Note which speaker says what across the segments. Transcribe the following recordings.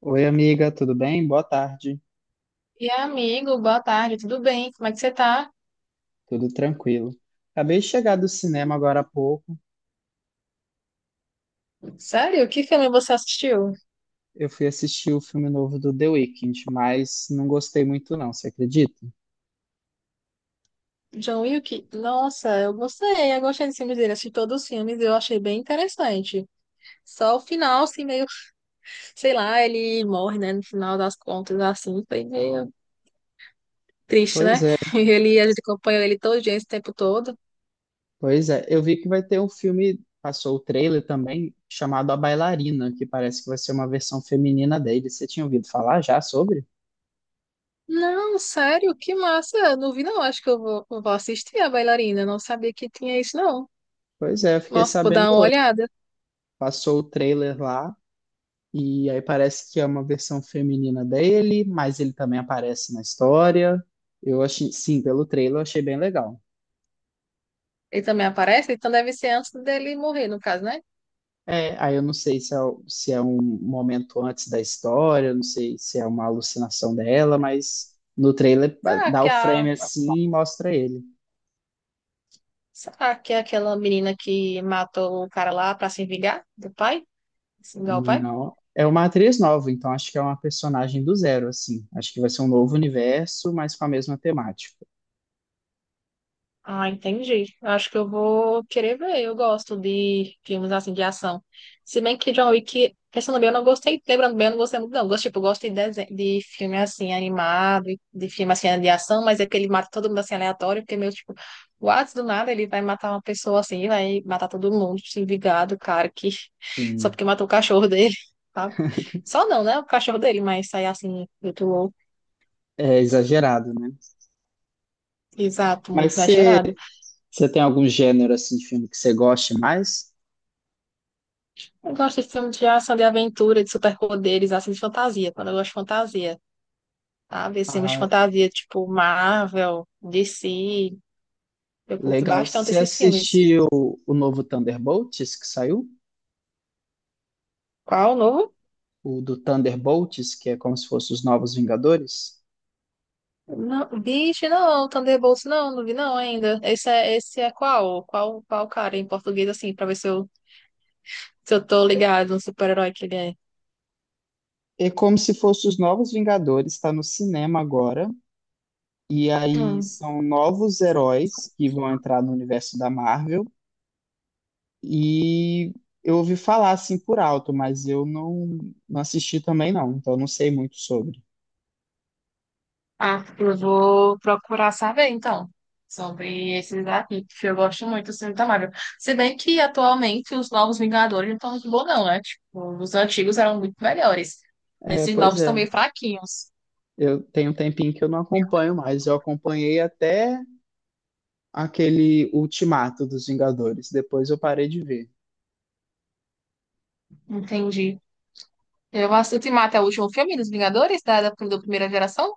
Speaker 1: Oi, amiga, tudo bem? Boa tarde.
Speaker 2: E amigo, boa tarde, tudo bem? Como é que você tá?
Speaker 1: Tudo tranquilo. Acabei de chegar do cinema agora há pouco.
Speaker 2: Sério? Que filme você assistiu?
Speaker 1: Eu fui assistir o filme novo do The Weeknd, mas não gostei muito não, você acredita?
Speaker 2: John Wick? Nossa, eu gostei desse filme dele, assisti todos os filmes, e eu achei bem interessante. Só o final, assim, meio, sei lá, ele morre, né, no final das contas, assim, foi meio triste,
Speaker 1: Pois
Speaker 2: né?
Speaker 1: é,
Speaker 2: Ele, a gente acompanhou ele todo dia, esse tempo todo.
Speaker 1: pois é. Eu vi que vai ter um filme, passou o trailer também, chamado A Bailarina, que parece que vai ser uma versão feminina dele. Você tinha ouvido falar já sobre?
Speaker 2: Não, sério, que massa, eu não vi não, acho que eu vou assistir a bailarina. Eu não sabia que tinha isso não.
Speaker 1: Pois é, eu fiquei
Speaker 2: Nossa, vou
Speaker 1: sabendo
Speaker 2: dar uma
Speaker 1: hoje.
Speaker 2: olhada.
Speaker 1: Passou o trailer lá. E aí parece que é uma versão feminina dele, mas ele também aparece na história. Eu achei, sim, pelo trailer eu achei bem legal.
Speaker 2: Ele também aparece, então deve ser antes dele morrer, no caso, né?
Speaker 1: É, aí eu não sei se é um momento antes da história, não sei se é uma alucinação dela, mas no trailer
Speaker 2: Será
Speaker 1: dá
Speaker 2: que
Speaker 1: o
Speaker 2: a,
Speaker 1: frame assim e mostra ele.
Speaker 2: Será que é aquela menina que matou o cara lá pra se vingar do pai? Se vingar o pai?
Speaker 1: Não, é uma atriz nova, então acho que é uma personagem do zero, assim. Acho que vai ser um novo universo, mas com a mesma temática.
Speaker 2: Ah, entendi. Eu acho que eu vou querer ver. Eu gosto de filmes assim de ação. Se bem que John Wick, pensando bem, eu não gostei. Lembrando bem, eu não gostei muito, não. Eu gosto, tipo, eu gosto de, desen- de filme assim animado, de filme assim de ação, mas é que ele mata todo mundo assim aleatório, porque meio tipo, what, do nada ele vai matar uma pessoa assim, vai matar todo mundo, tipo, se vingado, cara, que só
Speaker 1: Sim,
Speaker 2: porque matou o cachorro dele, sabe? Só não, né? O cachorro dele, mas sair assim, muito louco.
Speaker 1: é exagerado, né?
Speaker 2: Exato, muito
Speaker 1: Mas você
Speaker 2: exagerado.
Speaker 1: Você tem algum gênero assim de filme que você goste mais?
Speaker 2: Eu gosto de filmes de ação, de aventura, de superpoderes, assim, de fantasia. Quando eu gosto de fantasia, sabe? Esses filmes de
Speaker 1: Ah,
Speaker 2: fantasia, tipo Marvel, DC. Eu curto
Speaker 1: legal.
Speaker 2: bastante
Speaker 1: Você
Speaker 2: esses filmes.
Speaker 1: assistiu o novo Thunderbolts que saiu?
Speaker 2: Qual o novo?
Speaker 1: O do Thunderbolts, que é como se fosse os Novos Vingadores?
Speaker 2: Não, bicho, não. Thunderbolts, não. Não vi não ainda. Esse é qual? Qual cara em português, assim, pra ver se eu, se eu tô
Speaker 1: É,
Speaker 2: ligado no super-herói que ele é.
Speaker 1: é como se fosse os Novos Vingadores, está no cinema agora. E aí
Speaker 2: Hum.
Speaker 1: são novos heróis que vão entrar no universo da Marvel. E eu ouvi falar assim por alto, mas eu não, não assisti também não, então eu não sei muito sobre.
Speaker 2: Ah, eu vou procurar saber, então, sobre esses aqui, que eu gosto muito do filme da Marvel. Se bem que, atualmente, os novos Vingadores não estão muito bons, não, né? Tipo, os antigos eram muito melhores.
Speaker 1: É,
Speaker 2: Esses
Speaker 1: pois
Speaker 2: novos estão
Speaker 1: é.
Speaker 2: meio fraquinhos.
Speaker 1: Eu tenho um tempinho que eu não acompanho mais. Eu acompanhei até aquele Ultimato dos Vingadores. Depois eu parei de ver.
Speaker 2: Entendi. Eu assisti Ultimato é o último filme dos Vingadores, da primeira geração,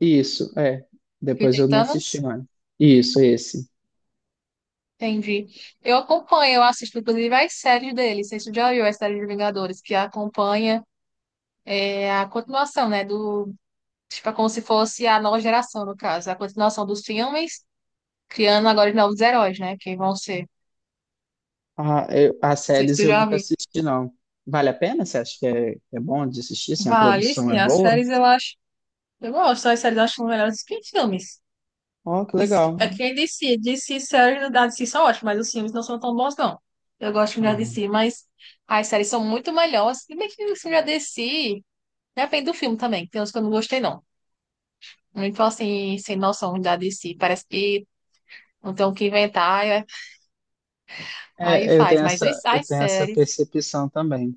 Speaker 1: Isso, é.
Speaker 2: que
Speaker 1: Depois
Speaker 2: tem
Speaker 1: eu não assisti
Speaker 2: Thanos.
Speaker 1: mais. Isso, esse.
Speaker 2: Entendi. Eu acompanho, eu assisto, inclusive, as séries deles. Vocês já viu a série de Vingadores, que acompanha é, a continuação, né, do tipo, é como se fosse a nova geração, no caso, a continuação dos filmes, criando agora novos heróis, né? Que vão ser.
Speaker 1: Ah, eu- as
Speaker 2: Não sei se
Speaker 1: séries
Speaker 2: tu
Speaker 1: eu
Speaker 2: já
Speaker 1: nunca
Speaker 2: viu.
Speaker 1: assisti, não. Vale a pena? Você acha que é bom de assistir? Assim, a
Speaker 2: Vale,
Speaker 1: produção é
Speaker 2: sim, as
Speaker 1: boa?
Speaker 2: séries eu acho. Eu gosto, as séries eu acho melhores que os filmes.
Speaker 1: Ó, que
Speaker 2: Isso-
Speaker 1: legal.
Speaker 2: é quem DC, DC séries da DC são ótimas, mas os filmes não são tão bons, não. Eu gosto da
Speaker 1: Aham.
Speaker 2: DC, mas as séries são muito melhores. Se bem que os filmes da DC, depende do filme também, tem uns que eu não gostei, não. Muito assim, sem noção da DC. Parece que não tem o que inventar, aí
Speaker 1: É,
Speaker 2: faz. Mas os-
Speaker 1: eu
Speaker 2: as
Speaker 1: tenho essa
Speaker 2: séries.
Speaker 1: percepção também.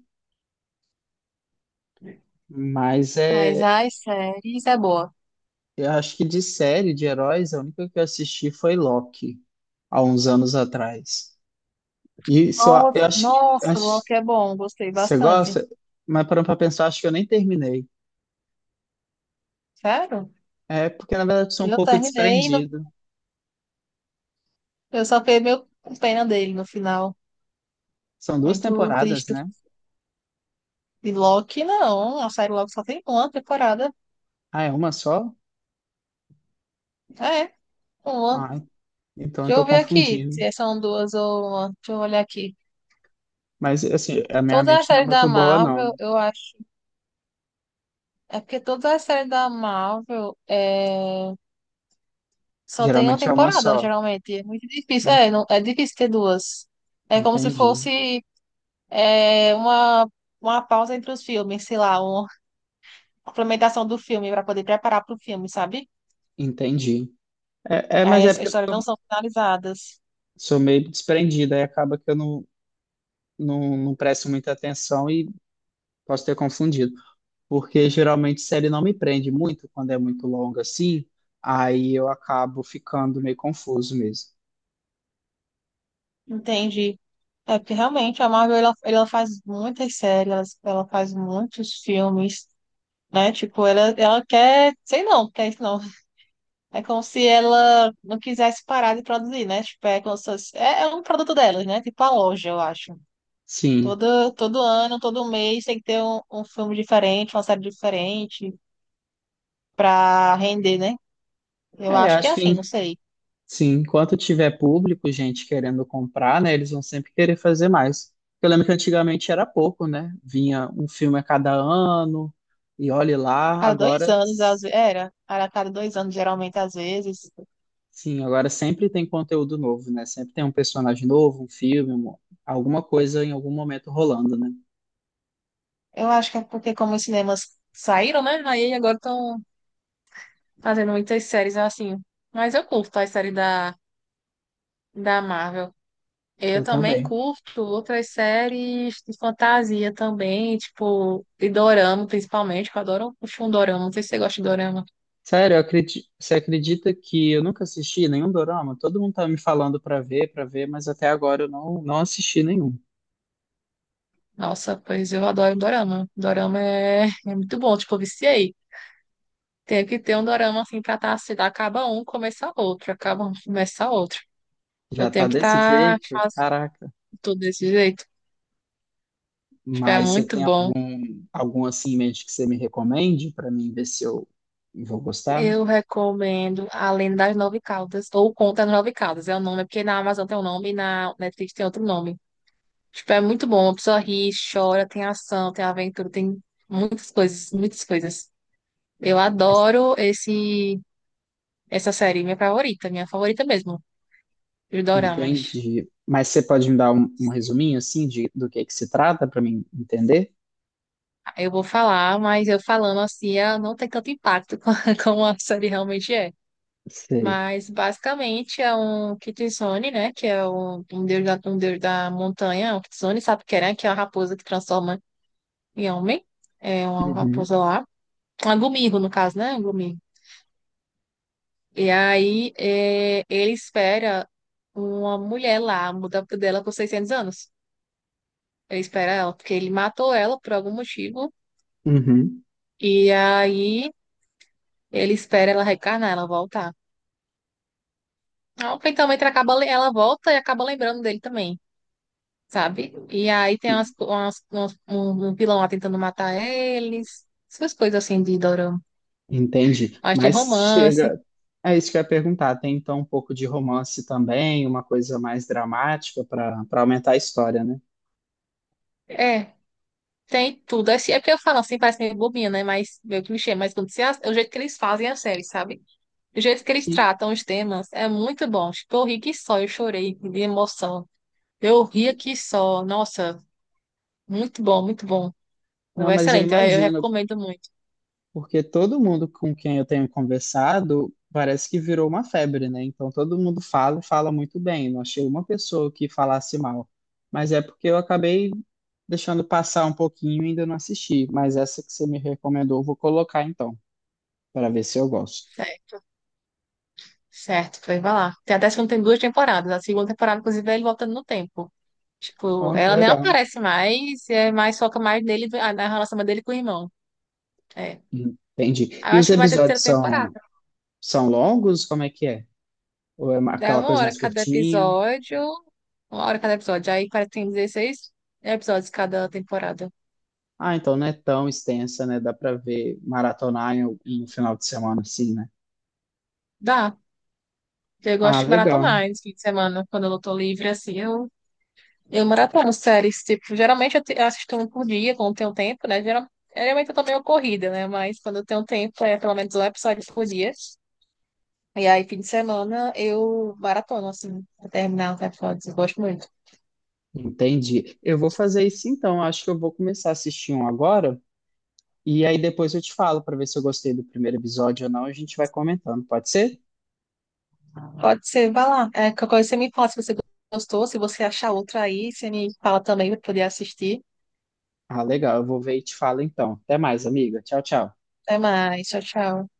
Speaker 1: Mas
Speaker 2: Mas
Speaker 1: é,
Speaker 2: as séries é boa.
Speaker 1: eu acho que de série de heróis, a única que eu assisti foi Loki, há uns anos atrás. E se eu,
Speaker 2: Nossa,
Speaker 1: eu
Speaker 2: nossa,
Speaker 1: acho,
Speaker 2: Loki é bom, gostei
Speaker 1: você
Speaker 2: bastante.
Speaker 1: gosta, mas parando pra pensar, acho que eu nem terminei.
Speaker 2: Sério?
Speaker 1: É porque, na verdade, eu sou um
Speaker 2: Eu
Speaker 1: pouco
Speaker 2: terminei, no...
Speaker 1: desprendido.
Speaker 2: eu só fiquei meio com pena dele no final.
Speaker 1: São duas
Speaker 2: Muito
Speaker 1: temporadas,
Speaker 2: triste.
Speaker 1: né?
Speaker 2: De Loki, não. A série Loki só tem uma temporada.
Speaker 1: Ah, é uma só?
Speaker 2: É, uma.
Speaker 1: Ah, então eu
Speaker 2: Deixa
Speaker 1: tô
Speaker 2: eu ver aqui
Speaker 1: confundindo.
Speaker 2: se são duas ou uma. Deixa eu olhar aqui.
Speaker 1: Mas, assim, a minha
Speaker 2: Todas as
Speaker 1: mente não é
Speaker 2: séries da
Speaker 1: muito boa,
Speaker 2: Marvel,
Speaker 1: não.
Speaker 2: eu acho. É porque todas as séries da Marvel é... só tem uma
Speaker 1: Geralmente é uma
Speaker 2: temporada,
Speaker 1: só.
Speaker 2: geralmente. É muito difícil.
Speaker 1: Hum,
Speaker 2: É, não... é difícil ter duas. É como se
Speaker 1: Entendi,
Speaker 2: fosse. É, uma pausa entre os filmes, sei lá, uma complementação do filme para poder preparar para o filme, sabe?
Speaker 1: entendi. Mas
Speaker 2: Aí
Speaker 1: é
Speaker 2: as
Speaker 1: porque
Speaker 2: histórias
Speaker 1: eu
Speaker 2: não são finalizadas.
Speaker 1: sou meio desprendido, aí acaba que eu não, não, não presto muita atenção e posso ter confundido. Porque geralmente série não me prende muito quando é muito longa assim, aí eu acabo ficando meio confuso mesmo.
Speaker 2: Entendi. É porque realmente a Marvel ela, ela faz muitas séries, ela faz muitos filmes, né? Tipo, ela quer, sei não, quer isso não. É como se ela não quisesse parar de produzir, né? Tipo, é como se fosse- é, é um produto delas, né? Tipo a loja, eu acho.
Speaker 1: Sim,
Speaker 2: Todo ano, todo mês tem que ter um, um filme diferente, uma série diferente, para render, né? Eu
Speaker 1: é, eu
Speaker 2: acho que é
Speaker 1: acho que
Speaker 2: assim, não
Speaker 1: em-
Speaker 2: sei.
Speaker 1: sim, enquanto tiver público, gente querendo comprar, né, eles vão sempre querer fazer mais. Eu lembro que antigamente era pouco, né? Vinha um filme a cada ano, e olhe lá,
Speaker 2: Cada dois anos, às vezes, era cada dois anos, geralmente, às vezes.
Speaker 1: agora sempre tem conteúdo novo, né? Sempre tem um personagem novo, um filme, um- alguma coisa em algum momento rolando, né?
Speaker 2: Eu acho que é porque como os cinemas saíram, né? Aí agora estão fazendo muitas séries assim. Mas eu curto as séries da Marvel. Eu
Speaker 1: Eu
Speaker 2: também
Speaker 1: também.
Speaker 2: curto outras séries de fantasia também, tipo, de dorama, principalmente, que eu adoro puxar um dorama. Não sei se você gosta de dorama.
Speaker 1: Sério, eu acredi- você acredita que eu nunca assisti nenhum dorama? Todo mundo tá me falando pra ver, mas até agora eu não, não assisti nenhum.
Speaker 2: Nossa, pois eu adoro dorama. Dorama é muito bom, tipo, eu viciei. Tenho que ter um dorama assim pra estar se assim, acaba um, começa outro, acaba um, começa outro. Eu
Speaker 1: Já tá
Speaker 2: tenho que
Speaker 1: desse
Speaker 2: estar
Speaker 1: jeito?
Speaker 2: fazendo
Speaker 1: Caraca.
Speaker 2: tudo desse jeito. Tipo, é
Speaker 1: Mas você
Speaker 2: muito
Speaker 1: tem al-
Speaker 2: bom.
Speaker 1: algum assim em mente que você me recomende pra mim ver se eu vou gostar?
Speaker 2: Eu recomendo Além das Nove Caudas, ou Conta das Nove Caudas, é o nome, é porque na Amazon tem um nome e na Netflix tem outro nome. Tipo, é muito bom, a pessoa ri, chora, tem ação, tem aventura, tem muitas coisas, muitas coisas. Eu
Speaker 1: Mas-
Speaker 2: adoro esse, essa série, minha favorita mesmo, os doramas.
Speaker 1: Entende? Mas você pode me dar um resuminho assim de, do que se trata pra mim entender?
Speaker 2: Eu vou falar, mas eu falando assim, ela não tem tanto impacto como a série realmente é.
Speaker 1: Sei.
Speaker 2: Mas basicamente é um Kitsune, né? Que é um, um deus da montanha, é um Kitsune, sabe o que é, né? Que é uma raposa que transforma em homem. É uma
Speaker 1: Uhum.
Speaker 2: raposa lá. Um Gumirro, no caso, né? Um Gumirro. E aí é, ele espera uma mulher lá, muda dela por 600 anos. Ele espera ela, porque ele matou ela por algum motivo.
Speaker 1: Uhum.
Speaker 2: E aí ele espera ela reencarnar, ela voltar. Não, porque também ela acaba, ela volta e acaba lembrando dele também, sabe? E aí tem um vilão lá tentando matar eles, essas coisas assim de dorama.
Speaker 1: Entendi.
Speaker 2: Mas tem
Speaker 1: Mas
Speaker 2: romance,
Speaker 1: chega. É isso que eu ia perguntar. Tem então um pouco de romance também, uma coisa mais dramática para aumentar a história, né?
Speaker 2: é, tem tudo. Assim, é porque eu falo assim, parece meio bobinha, né? Mas meio clichê, mas quando você, o jeito que eles fazem a série, sabe? O jeito que eles
Speaker 1: Sim.
Speaker 2: tratam os temas é muito bom. Tipo, eu ri que só, eu chorei de emoção. Eu ria que só, nossa, muito bom, muito bom.
Speaker 1: Não, mas eu
Speaker 2: Excelente, eu
Speaker 1: imagino,
Speaker 2: recomendo muito.
Speaker 1: porque todo mundo com quem eu tenho conversado parece que virou uma febre, né? Então todo mundo fala e fala muito bem. Não achei uma pessoa que falasse mal. Mas é porque eu acabei deixando passar um pouquinho e ainda não assisti. Mas essa que você me recomendou, eu vou colocar então, para ver se eu gosto.
Speaker 2: Certo, foi vai lá. Tem até que não tem duas temporadas. A segunda temporada, inclusive, é ele voltando no tempo. Tipo,
Speaker 1: Ó, que
Speaker 2: ela nem
Speaker 1: legal.
Speaker 2: aparece mais, é mais foca mais nele, na relação dele com o irmão. É.
Speaker 1: Entendi.
Speaker 2: Aí
Speaker 1: E
Speaker 2: eu
Speaker 1: os
Speaker 2: acho que vai ter terceira
Speaker 1: episódios são,
Speaker 2: temporada.
Speaker 1: são longos? Como é que é? Ou é uma-
Speaker 2: Dá
Speaker 1: aquela
Speaker 2: uma
Speaker 1: coisa
Speaker 2: hora
Speaker 1: mais
Speaker 2: cada
Speaker 1: curtinha?
Speaker 2: episódio. Uma hora cada episódio. Aí parece que tem 16 episódios cada temporada.
Speaker 1: Ah, então não é tão extensa, né? Dá pra ver maratonar em algum- no final de semana, assim, né?
Speaker 2: Dá. Eu
Speaker 1: Ah,
Speaker 2: gosto de
Speaker 1: legal.
Speaker 2: maratonar esse fim de semana, quando eu tô livre, assim, eu maratono séries, tipo, eu assisto um por dia, quando tenho tempo, né? Geralmente eu tô meio corrida, né? Mas quando eu tenho tempo, é pelo menos um episódio por dia. E aí, fim de semana, eu maratono, assim, pra terminar os episódios. Eu gosto muito.
Speaker 1: Entendi. Eu vou fazer isso então. Acho que eu vou começar a assistir um agora. E aí depois eu te falo pra ver se eu gostei do primeiro episódio ou não. A gente vai comentando, pode ser?
Speaker 2: Pode ser, vai lá. É, qualquer coisa você me fala se você gostou, se você achar outra aí, você me fala também pra eu poder assistir.
Speaker 1: Ah, legal. Eu vou ver e te falo então. Até mais, amiga. Tchau, tchau.
Speaker 2: Até mais, tchau, tchau.